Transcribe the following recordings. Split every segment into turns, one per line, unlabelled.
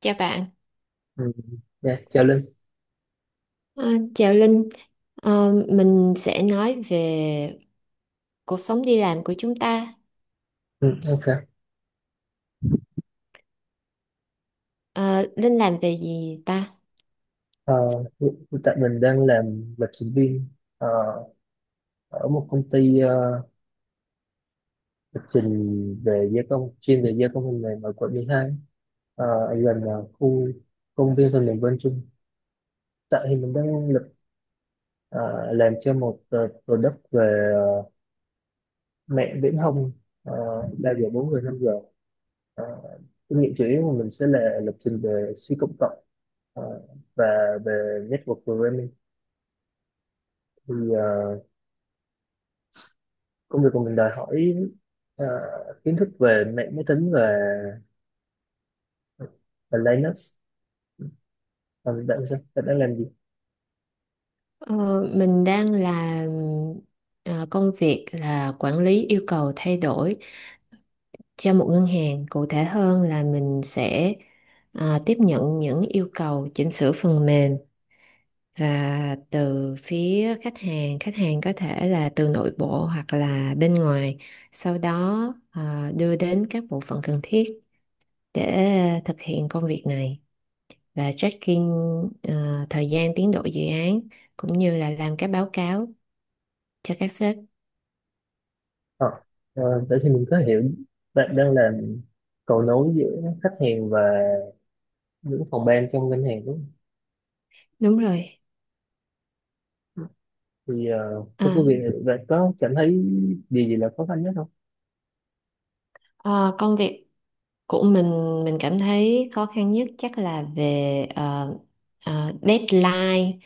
Chào bạn.
Ừ, dạ, chào Linh.
À, Chào Linh. Mình sẽ nói về cuộc sống đi làm của chúng ta.
Ừ, ok.
Ờ, Linh làm về gì ta?
Ờ, Hiện tại mình đang làm lập trình viên ờ, ở một công ty lập trình về gia công, chuyên về gia công phần mềm ở quận 12 ở gần khu công viên phần mềm Vân Trung. Tại thì mình đang làm cho một product về mẹ viễn thông ờ, 3 giờ 4 giờ 5 giờ. Ờ, Kinh nghiệm chủ yếu của mình sẽ là lập trình về C cộng cộng ờ, và về network programming. Thì công việc của mình đòi hỏi ờ, kiến thức về mạng máy tính và Linux. Còn bạn, sao bạn đang làm gì?
Ờ, mình đang làm công việc là quản lý yêu cầu thay đổi cho một ngân hàng. Cụ thể hơn là mình sẽ tiếp nhận những yêu cầu chỉnh sửa phần mềm từ phía khách hàng, khách hàng có thể là từ nội bộ hoặc là bên ngoài, sau đó đưa đến các bộ phận cần thiết để thực hiện công việc này và tracking thời gian tiến độ dự án cũng như là làm các báo cáo cho các sếp.
Ờ, Vậy thì mình có hiểu bạn đang làm cầu nối giữa khách hàng và những phòng ban trong ngân hàng, đúng không?
Đúng rồi.
Thì trong
à,
công việc này bạn có cảm thấy điều gì là khó khăn nhất không?
Công việc của mình cảm thấy khó khăn nhất chắc là về deadline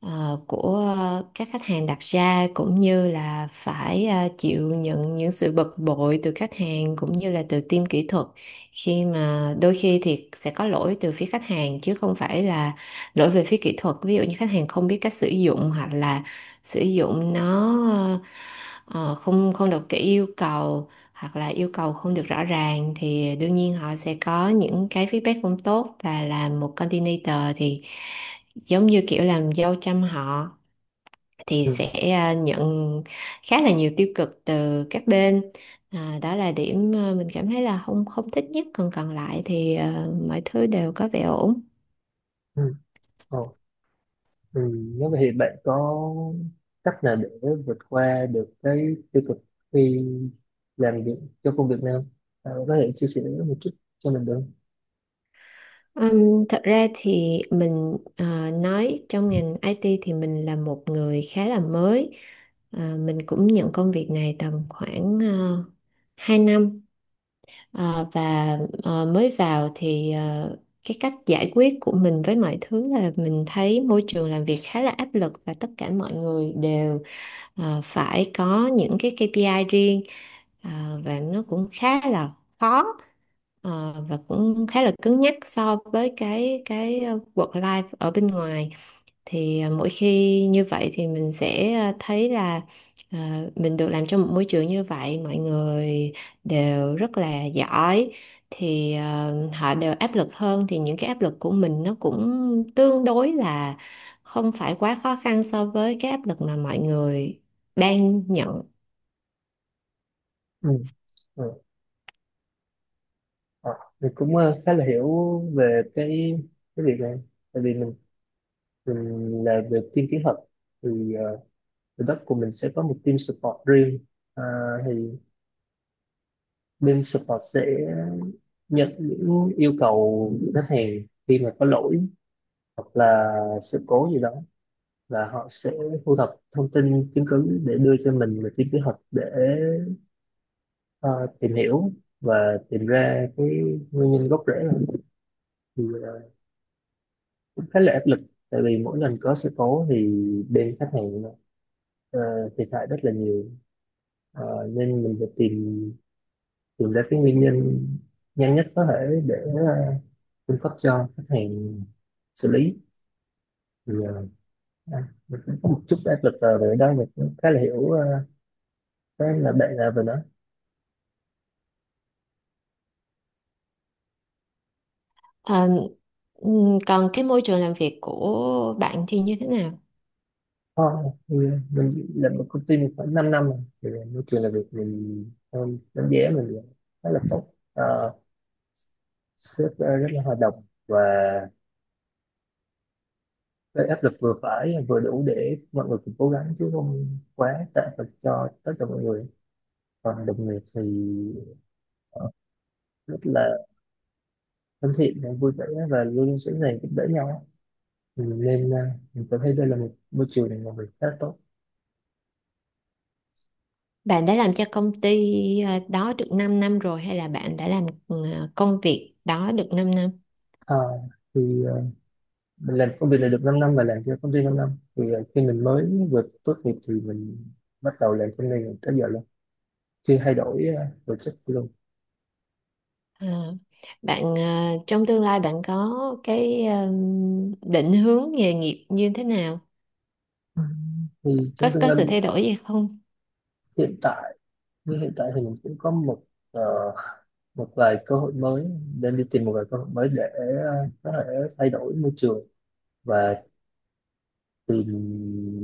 của các khách hàng đặt ra, cũng như là phải chịu nhận những sự bực bội từ khách hàng cũng như là từ team kỹ thuật, khi mà đôi khi thì sẽ có lỗi từ phía khách hàng chứ không phải là lỗi về phía kỹ thuật. Ví dụ như khách hàng không biết cách sử dụng hoặc là sử dụng nó không không được kỹ yêu cầu hoặc là yêu cầu không được rõ ràng, thì đương nhiên họ sẽ có những cái feedback không tốt, và làm một coordinator thì giống như kiểu làm dâu trăm họ, thì
Ừ.
sẽ nhận khá là nhiều tiêu cực từ các bên. Đó là điểm mình cảm thấy là không không thích nhất, còn còn lại thì mọi thứ đều có vẻ ổn.
Ừ. Ờ. Ừ, nếu vậy thì bạn có cách nào để vượt qua được cái tiêu cực khi làm việc cho công việc này không? Bạn có thể chia sẻ một chút cho mình được không?
Thật ra thì mình nói trong ngành IT thì mình là một người khá là mới. Ờ, mình cũng nhận công việc này tầm khoảng 2 năm. Ờ, và mới vào thì cái cách giải quyết của mình với mọi thứ là mình thấy môi trường làm việc khá là áp lực và tất cả mọi người đều phải có những cái KPI riêng. Ờ, và nó cũng khá là khó. Ờ, và cũng khá là cứng nhắc so với cái work life ở bên ngoài, thì mỗi khi như vậy thì mình sẽ thấy là mình được làm trong một môi trường như vậy, mọi người đều rất là giỏi, thì họ đều áp lực hơn thì những cái áp lực của mình nó cũng tương đối là không phải quá khó khăn so với cái áp lực mà mọi người đang nhận.
Ừ. Ừ. Ờ, Mình cũng khá là hiểu về cái việc này, tại vì mình là về team kỹ thuật, thì ở đất của mình sẽ có một team support riêng. Ờ, thì bên support sẽ nhận những yêu cầu của khách hàng khi mà có lỗi hoặc là sự cố gì đó, và họ sẽ thu thập thông tin chứng cứ để đưa cho mình một cái kế hoạch để ờ, tìm hiểu và tìm ra cái nguyên nhân gốc rễ này. Thì cũng khá là áp lực tại vì mỗi lần có sự cố thì bên khách hàng ờ, thiệt hại rất là nhiều. Nên mình phải tìm tìm ra cái nguyên nhân nhanh nhất có thể để ờ, cung cấp cho khách hàng xử lý. Thì mình cũng có một chút áp lực về đó. Mình cũng khá là hiểu cái là bạn là về nó.
Ờ, còn cái môi trường làm việc của bạn thì như thế nào?
Ờ, thì mình làm một công ty, mình khoảng 5 năm rồi thì môi trường làm việc, mình đánh giá mình là khá là tốt. Ờ, Sếp rất là hòa đồng, và cái áp lực vừa phải vừa đủ để mọi người cùng cố gắng chứ không quá tệ thật cho tất cả mọi người. Còn đồng nghiệp thì ờ, rất là thân thiện và vui vẻ và luôn luôn sẵn sàng giúp đỡ nhau. Ừ, nên mình cảm thấy đây là một môi trường làm việc khá tốt.
Bạn đã làm cho công ty đó được 5 năm rồi hay là bạn đã làm công việc đó được 5 năm?
Ờ, thì mình làm công việc này được 5 năm và làm cho công ty 5 năm. Thì khi mình mới vừa tốt nghiệp thì mình bắt đầu làm công ty này tới giờ luôn, chưa thay đổi project luôn.
Ờ, bạn trong tương lai bạn có cái định hướng nghề nghiệp như thế nào?
Ừ. Thì
Có
trong tương
có
lai,
sự thay đổi gì không?
hiện tại như hiện tại thì mình cũng có ờ, một vài cơ hội mới, nên đi tìm một vài cơ hội mới để có thể thay đổi môi trường và tìm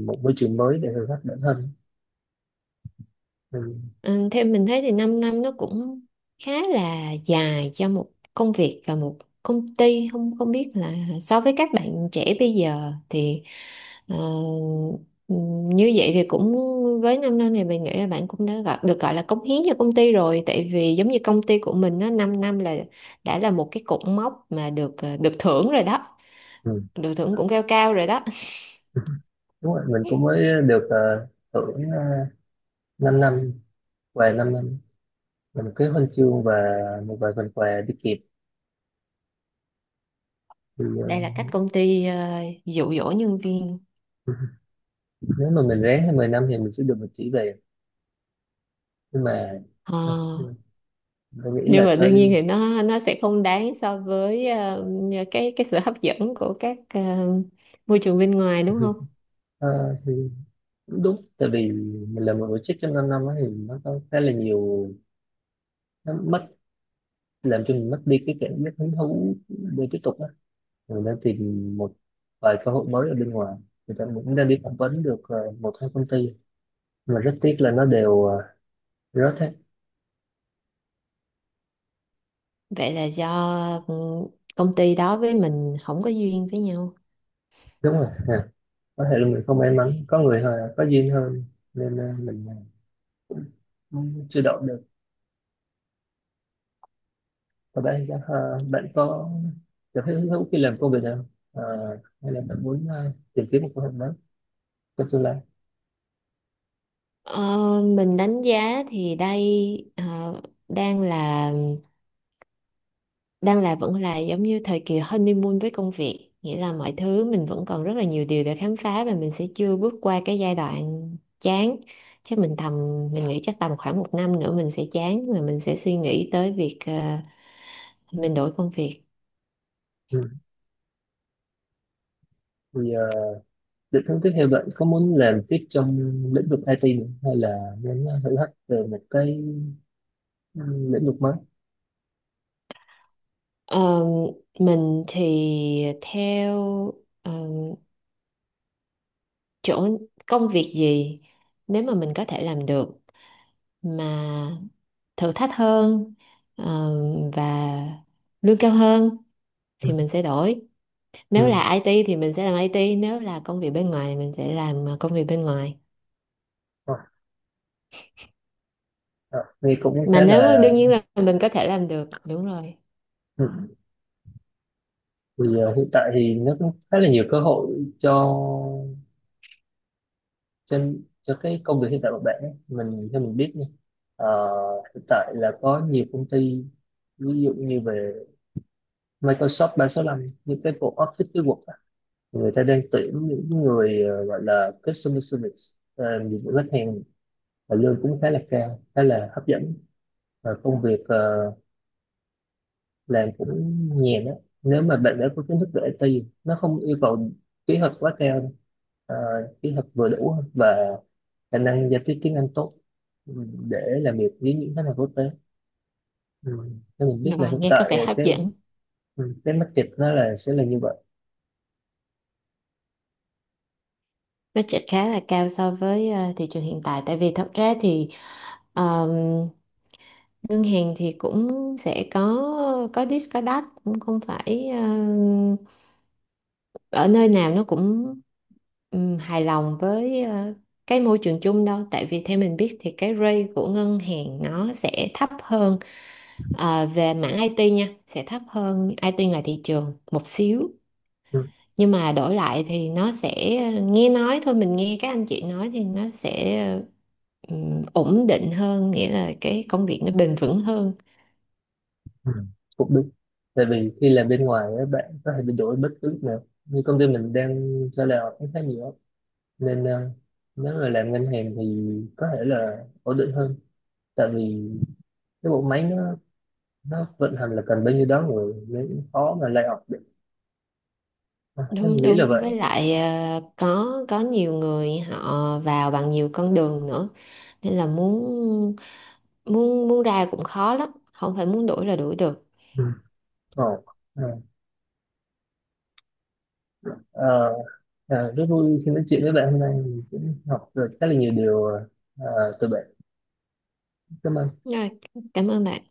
một môi trường mới để thử thách bản thân. Ừ.
Ừ, theo mình thấy thì 5 năm nó cũng khá là dài cho một công việc và một công ty. Không không biết là so với các bạn trẻ bây giờ thì ờ, ừ, như vậy thì cũng, với 5 năm này mình nghĩ là bạn cũng đã gọi, được gọi là cống hiến cho công ty rồi, tại vì giống như công ty của mình á, 5 năm là đã là một cái cột mốc mà được được thưởng rồi đó,
Ừ.
được thưởng cũng cao cao rồi đó.
Đúng rồi, mình cũng mới được uh, hưởng 5 năm, và 5 năm mình cứ huân chương và một vài phần quà đi kịp thì
Đây là cách công ty dụ dỗ nhân viên.
nếu mà mình ráng 20 năm thì mình sẽ được một chỉ về. Nhưng mà
Ờ,
ờ, mình nghĩ
nhưng
là
mà đương nhiên
thôi.
thì nó sẽ không đáng so với cái sự hấp dẫn của các môi trường bên ngoài đúng không?
Ờ, thì cũng đúng, tại vì mình làm một tổ chức trong 5 năm á thì nó có khá là nhiều, nó mất, làm cho mình mất đi cái cảm giác hứng thú để tiếp tục á. Mình đang tìm một vài cơ hội mới ở bên ngoài, người ta cũng đang đi phỏng vấn được một hai công ty mà rất tiếc là nó đều rớt hết.
Vậy là do, ừ, công ty đó với mình không có duyên với nhau.
Đúng rồi. À, có thể là mình không may mắn, có người hơn có duyên hơn nên mình ờ, chưa đậu được. Và bạn thì sao? Ờ, Bạn có cảm thấy hứng thú khi làm công việc nào, Ờ, hay là bạn muốn tìm kiếm một công việc mới trong tương lai?
Ờ, mình đánh giá thì đây đang là đang là vẫn là giống như thời kỳ honeymoon với công việc, nghĩa là mọi thứ mình vẫn còn rất là nhiều điều để khám phá và mình sẽ chưa bước qua cái giai đoạn chán. Chắc mình tầm Mình nghĩ chắc tầm khoảng một năm nữa mình sẽ chán và mình sẽ suy nghĩ tới việc mình đổi công việc.
Ừ. Thì định hướng tiếp theo bạn có muốn làm tiếp trong lĩnh vực IT nữa, hay là muốn thử thách về một cái ừ, lĩnh vực mới?
Ờ, mình thì theo ờ, chỗ công việc gì nếu mà mình có thể làm được mà thử thách hơn ờ, và lương cao hơn
Ừ.
thì mình sẽ đổi.
Ừ.
Nếu là IT thì mình sẽ làm IT, nếu là công việc bên ngoài mình sẽ làm công việc bên ngoài,
Ờ, ờ, Nghe cũng
mà
khá là.
nếu đương nhiên là mình có thể làm được. Đúng rồi.
Ừ. Thì hiện tại thì nó cũng khá là nhiều cơ hội cho cho cái công việc hiện tại của bạn ấy, mình theo mình biết nha. ờ, Hiện tại là có nhiều công ty, ví dụ như về Microsoft 365, những cái bộ Office, cái Word á, người ta đang tuyển những người gọi là customer service, làm dịch vụ khách hàng, và lương cũng khá là cao, khá là hấp dẫn, và công việc làm cũng nhàn á. Nếu mà bạn đã có kiến thức về IT, nó không yêu cầu kỹ thuật quá cao đâu. Ờ, Kỹ thuật vừa đủ và khả năng giao tiếp tiếng Anh tốt, ừ, để làm việc với những khách hàng quốc tế. Ừ. Thế mình biết là
Ờ,
hiện
nghe có
tại
vẻ hấp
cái
dẫn.
ừ, cái market nó là sẽ là như vậy.
Budget khá là cao so với thị trường hiện tại, tại vì thật ra thì ờ, ngân hàng thì cũng sẽ có discount, cũng không phải ở nơi nào nó cũng hài lòng với cái môi trường chung đâu, tại vì theo mình biết thì cái rate của ngân hàng nó sẽ thấp hơn, về mảng IT nha, sẽ thấp hơn IT ngoài thị trường một xíu.
Ừ.
Nhưng mà đổi lại thì nó sẽ, nghe nói thôi, mình nghe các anh chị nói thì nó sẽ ổn định hơn, nghĩa là cái công việc nó bền vững hơn.
Ừ. Cũng đúng, tại vì khi làm bên ngoài á, bạn có thể bị đổi bất cứ lúc nào như công ty mình đang cho là cũng khá nhiều á. Nên nếu mà làm ngân hàng thì có thể là ổn định hơn, tại vì cái bộ máy nó vận hành là cần bao nhiêu đó người nên khó mà lay off được. À, thế
Đúng.
mình nghĩ là vậy.
Với lại có nhiều người họ vào bằng nhiều con đường nữa, nên là muốn muốn muốn ra cũng khó lắm, không phải muốn đuổi là đuổi được.
Ừ. Ồ. Ừ. Ờ, À, rất vui khi nói chuyện với bạn hôm nay, mình cũng học được khá là nhiều điều à, từ bạn. Cảm ơn.
Rồi, cảm ơn bạn.